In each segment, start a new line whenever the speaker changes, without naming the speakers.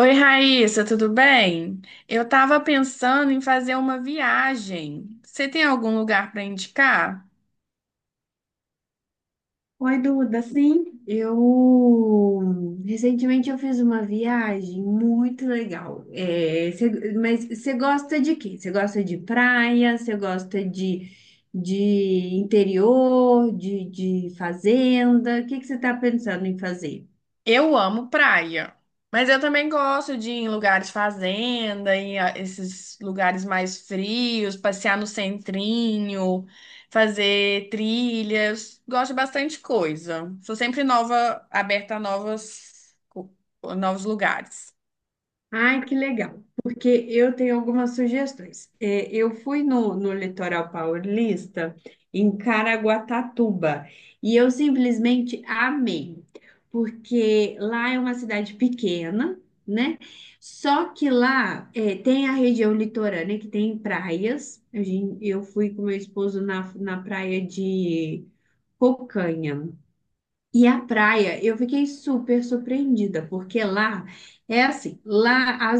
Oi, Raíssa, tudo bem? Eu estava pensando em fazer uma viagem. Você tem algum lugar para indicar?
Oi, Duda, sim, eu recentemente eu fiz uma viagem muito legal. Mas você gosta de quê? Você gosta de praia? Você gosta de interior, de fazenda? O que você está pensando em fazer?
Eu amo praia, mas eu também gosto de ir em lugares fazenda, em esses lugares mais frios, passear no centrinho, fazer trilhas. Gosto de bastante coisa. Sou sempre nova, aberta a novas, novos lugares.
Ai, que legal, porque eu tenho algumas sugestões. É, eu fui no litoral paulista, em Caraguatatuba, e eu simplesmente amei, porque lá é uma cidade pequena, né? Só que lá tem a região litorânea, que tem praias. Eu fui com meu esposo na praia de Cocanha. E a praia, eu fiquei super surpreendida, porque lá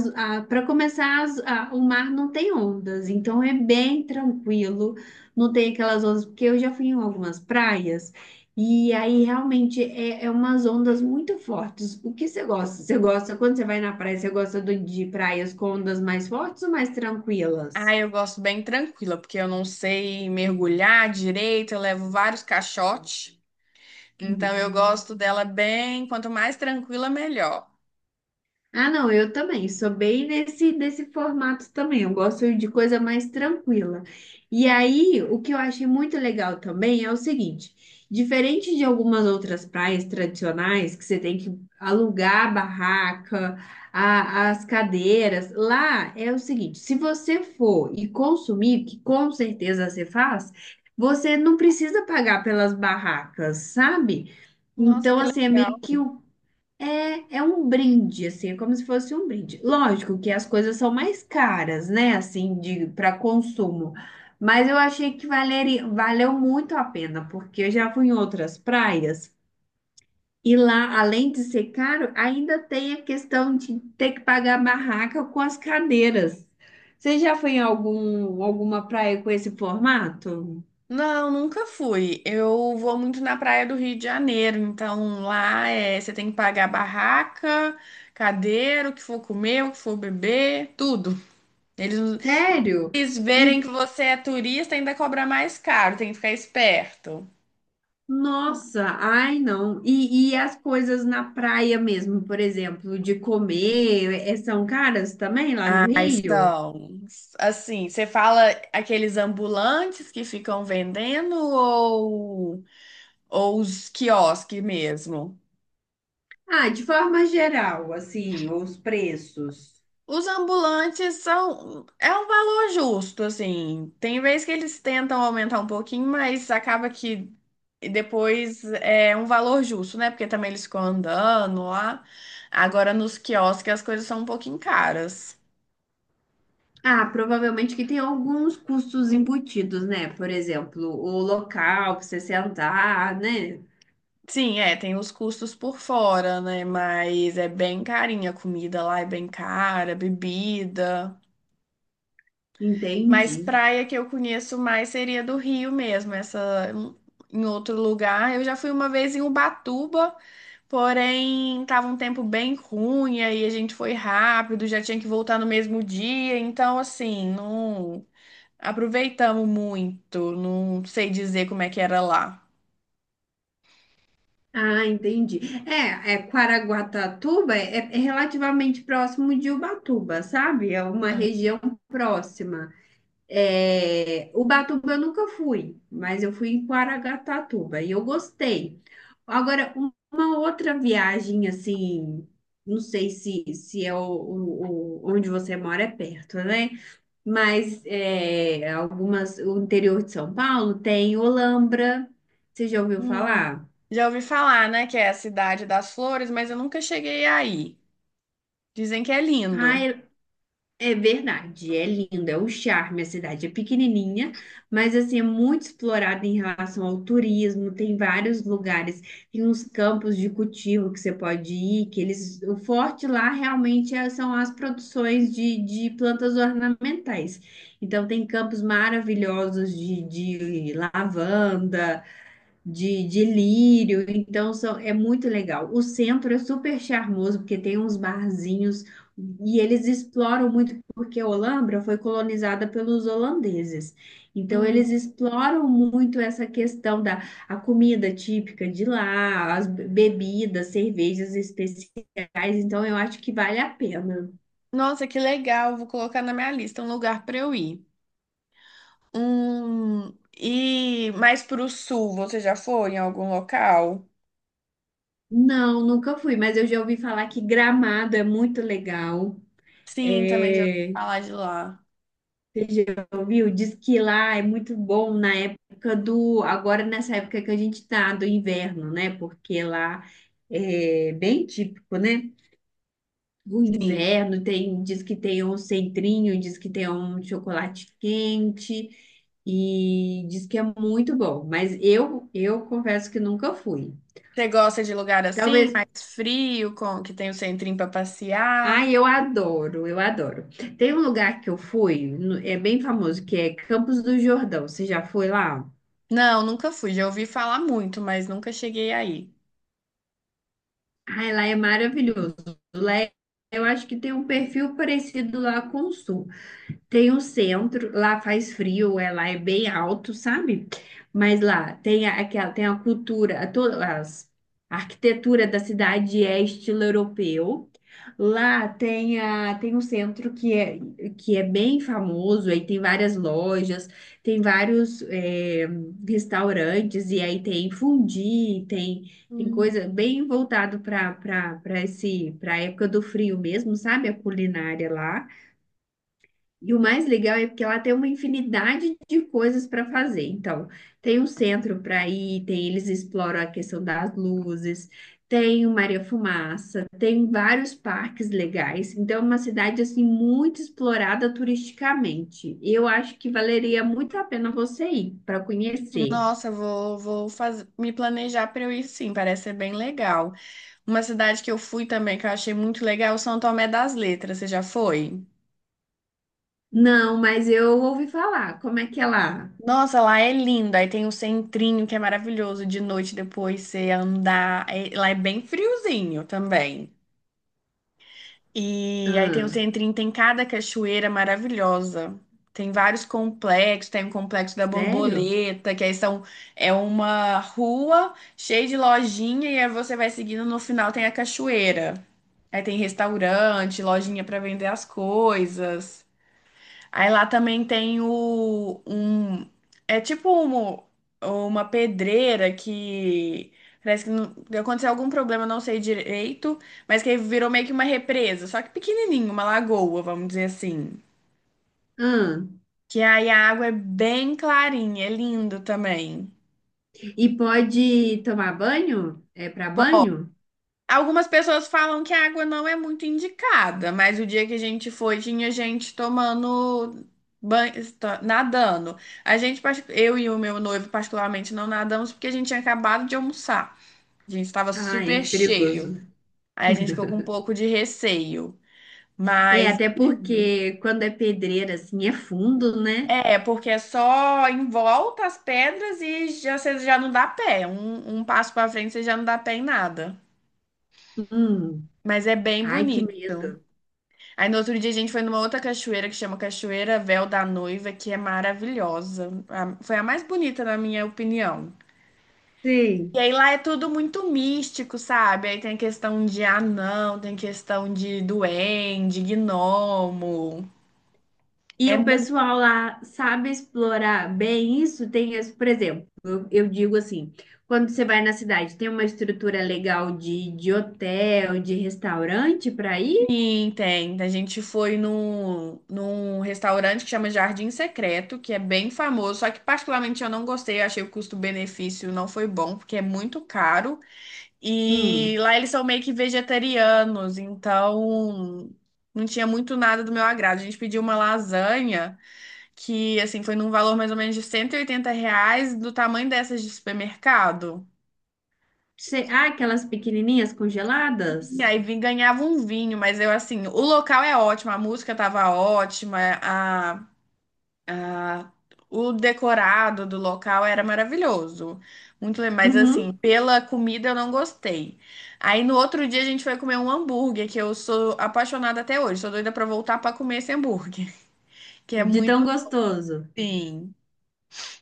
para começar o mar não tem ondas, então é bem tranquilo, não tem aquelas ondas, porque eu já fui em algumas praias e aí realmente é umas ondas muito fortes. O que você gosta? Você gosta quando você vai na praia, você gosta de praias com ondas mais fortes ou mais
Ah,
tranquilas?
eu gosto bem tranquila, porque eu não sei mergulhar direito, eu levo vários caixotes. Então eu gosto dela bem, quanto mais tranquila, melhor.
Ah, não, eu também. Sou bem nesse formato também. Eu gosto de coisa mais tranquila. E aí, o que eu achei muito legal também é o seguinte: diferente de algumas outras praias tradicionais, que você tem que alugar a barraca, as cadeiras, lá é o seguinte: se você for e consumir, que com certeza você faz, você não precisa pagar pelas barracas, sabe?
Nossa,
Então,
que
assim, é
legal.
meio que é um brinde, assim, é como se fosse um brinde. Lógico que as coisas são mais caras, né, assim, de para consumo. Mas eu achei que valeu muito a pena, porque eu já fui em outras praias e lá, além de ser caro, ainda tem a questão de ter que pagar a barraca com as cadeiras. Você já foi em alguma praia com esse formato?
Não, nunca fui. Eu vou muito na praia do Rio de Janeiro, então lá é, você tem que pagar barraca, cadeira, o que for comer, o que for beber, tudo. Eles,
Sério?
eles verem que
E
você é turista, ainda cobra mais caro, tem que ficar esperto.
Nossa, ai não. E as coisas na praia mesmo, por exemplo, de comer, são caras também lá no
Aí
Rio?
são, assim, você fala aqueles ambulantes que ficam vendendo ou os quiosques mesmo?
Ah, de forma geral, assim, os preços.
Os ambulantes são, é um valor justo, assim. Tem vezes que eles tentam aumentar um pouquinho, mas acaba que depois é um valor justo, né? Porque também eles ficam andando lá. Agora nos quiosques as coisas são um pouquinho caras.
Ah, provavelmente que tem alguns custos embutidos, né? Por exemplo, o local para você sentar, né?
Sim, é, tem os custos por fora, né? Mas é bem carinha a comida lá, é bem cara, bebida. Mas
Entendi.
praia que eu conheço mais seria do Rio mesmo, essa em outro lugar. Eu já fui uma vez em Ubatuba, porém tava um tempo bem ruim, aí a gente foi rápido, já tinha que voltar no mesmo dia, então assim, não aproveitamos muito, não sei dizer como é que era lá.
Ah, entendi. É Caraguatatuba é relativamente próximo de Ubatuba, sabe? É uma região próxima. É, Ubatuba eu nunca fui, mas eu fui em Caraguatatuba e eu gostei. Agora, uma outra viagem assim, não sei se é onde você mora é perto, né? Mas é, algumas, o interior de São Paulo tem Olambra, você já ouviu
Hum.
falar?
Já ouvi falar, né, que é a cidade das flores, mas eu nunca cheguei aí. Dizem que é lindo.
Ah, é verdade, é lindo, é o charme. A cidade é pequenininha, mas assim é muito explorada em relação ao turismo. Tem vários lugares, tem uns campos de cultivo que você pode ir, que eles, o forte lá realmente é- são as produções de plantas ornamentais. Então tem campos maravilhosos de lavanda de lírio, então é muito legal. O centro é super charmoso, porque tem uns barzinhos e eles exploram muito, porque a Holambra foi colonizada pelos holandeses. Então,
Hum.
eles exploram muito essa questão da a comida típica de lá, as bebidas, cervejas especiais. Então, eu acho que vale a pena.
Nossa, que legal! Vou colocar na minha lista um lugar para eu ir. Hum. E mais pro sul, você já foi em algum local?
Não, nunca fui, mas eu já ouvi falar que Gramado é muito legal.
Sim, também já ouvi
É,
falar de lá.
você já ouviu? Diz que lá é muito bom na época do. Agora, nessa época que a gente tá, do inverno, né? Porque lá é bem típico, né? O
Sim.
inverno tem, diz que tem um centrinho, diz que tem um chocolate quente e diz que é muito bom. Mas eu confesso que nunca fui.
Você gosta de lugar assim,
Talvez.
mais frio, com que tem o centrinho para
Ah,
passear?
eu adoro, eu adoro. Tem um lugar que eu fui, é bem famoso, que é Campos do Jordão. Você já foi lá?
Não, nunca fui. Já ouvi falar muito, mas nunca cheguei aí.
Ai, lá é maravilhoso. Lá é- eu acho que tem um perfil parecido lá com o Sul. Tem um centro, lá faz frio, lá é bem alto, sabe? Mas lá tem aquela, tem a cultura, a arquitetura da cidade é estilo europeu. Tem um centro que é bem famoso, aí tem várias lojas, tem vários restaurantes, e aí tem fondue, tem
Hum.
coisa bem voltado para esse, para a época do frio mesmo, sabe? A culinária lá. E o mais legal é porque ela tem uma infinidade de coisas para fazer. Então, tem um centro para ir, tem eles exploram a questão das luzes, tem o Maria Fumaça, tem vários parques legais. Então, é uma cidade assim muito explorada turisticamente. Eu acho que valeria muito a pena você ir para conhecer.
Nossa, vou me planejar para eu ir sim, parece ser bem legal. Uma cidade que eu fui também, que eu achei muito legal, São Tomé das Letras, você já foi?
Não, mas eu ouvi falar. Como é que é lá?
Nossa, lá é lindo, aí tem o centrinho que é maravilhoso de noite depois você andar, lá é bem friozinho também. E aí tem o
Ah,
centrinho, tem cada cachoeira maravilhosa. Tem vários complexos, tem o complexo da
sério?
Borboleta, que aí são, é uma rua cheia de lojinha e aí você vai seguindo, no final tem a cachoeira. Aí tem restaurante, lojinha para vender as coisas. Aí lá também tem o um é tipo uma pedreira que parece que aconteceu algum problema, não sei direito, mas que virou meio que uma represa, só que pequenininho, uma lagoa, vamos dizer assim.
Ah,
Que aí a água é bem clarinha, é lindo também.
e pode tomar banho? É para banho?
Algumas pessoas falam que a água não é muito indicada, mas o dia que a gente foi, tinha gente tomando banho, nadando. A gente, eu e o meu noivo, particularmente, não nadamos porque a gente tinha acabado de almoçar. A gente estava
Ah,
super
é
cheio.
perigoso.
Aí a gente ficou com um pouco de receio.
É,
Mas
até porque quando é pedreira, assim, é fundo, né?
é, porque é só em volta as pedras e já, você já não dá pé. Um passo para frente, você já não dá pé em nada.
Hum,
Mas é bem
ai, que
bonito.
medo.
Aí no outro dia a gente foi numa outra cachoeira que chama Cachoeira Véu da Noiva, que é maravilhosa. Foi a mais bonita, na minha opinião. E
Sim.
aí lá é tudo muito místico, sabe? Aí tem a questão de anão, tem questão de duende, gnomo.
E
É
o
muito.
pessoal lá sabe explorar bem isso? Por exemplo, eu digo assim, quando você vai na cidade, tem uma estrutura legal de hotel, de restaurante para ir?
Sim, tem. A gente foi num, restaurante que chama Jardim Secreto, que é bem famoso, só que particularmente eu não gostei, eu achei o custo-benefício não foi bom, porque é muito caro. E
Hum.
lá eles são meio que vegetarianos, então não tinha muito nada do meu agrado. A gente pediu uma lasanha que, assim, foi num valor mais ou menos de R$ 180, do tamanho dessas de supermercado.
Ah, aquelas pequenininhas
E
congeladas?
aí vim, ganhava um vinho, mas eu, assim, o local é ótimo, a música tava ótima. Ah, o decorado do local era maravilhoso. Muito, mas assim,
Uhum,
pela comida eu não gostei. Aí no outro dia a gente foi comer um hambúrguer que eu sou apaixonada até hoje. Sou doida pra voltar pra comer esse hambúrguer, que é
de tão
muito
gostoso.
sim.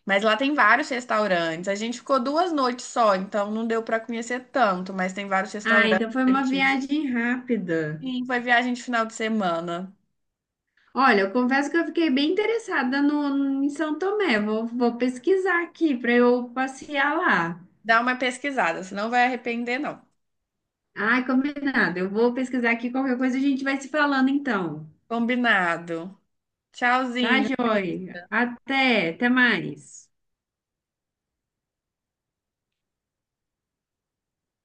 Mas lá tem vários restaurantes. A gente ficou 2 noites só, então não deu pra conhecer tanto, mas tem vários
Ah, então foi uma
restaurantes.
viagem rápida.
Sim, foi viagem de final de semana.
Olha, eu confesso que eu fiquei bem interessada no, em São Tomé. Vou pesquisar aqui para eu passear lá.
Dá uma pesquisada, você não vai arrepender, não.
Ai, combinado. Eu vou pesquisar aqui. Qualquer coisa a gente vai se falando então.
Combinado.
Tá,
Tchauzinho.
joia? Até mais.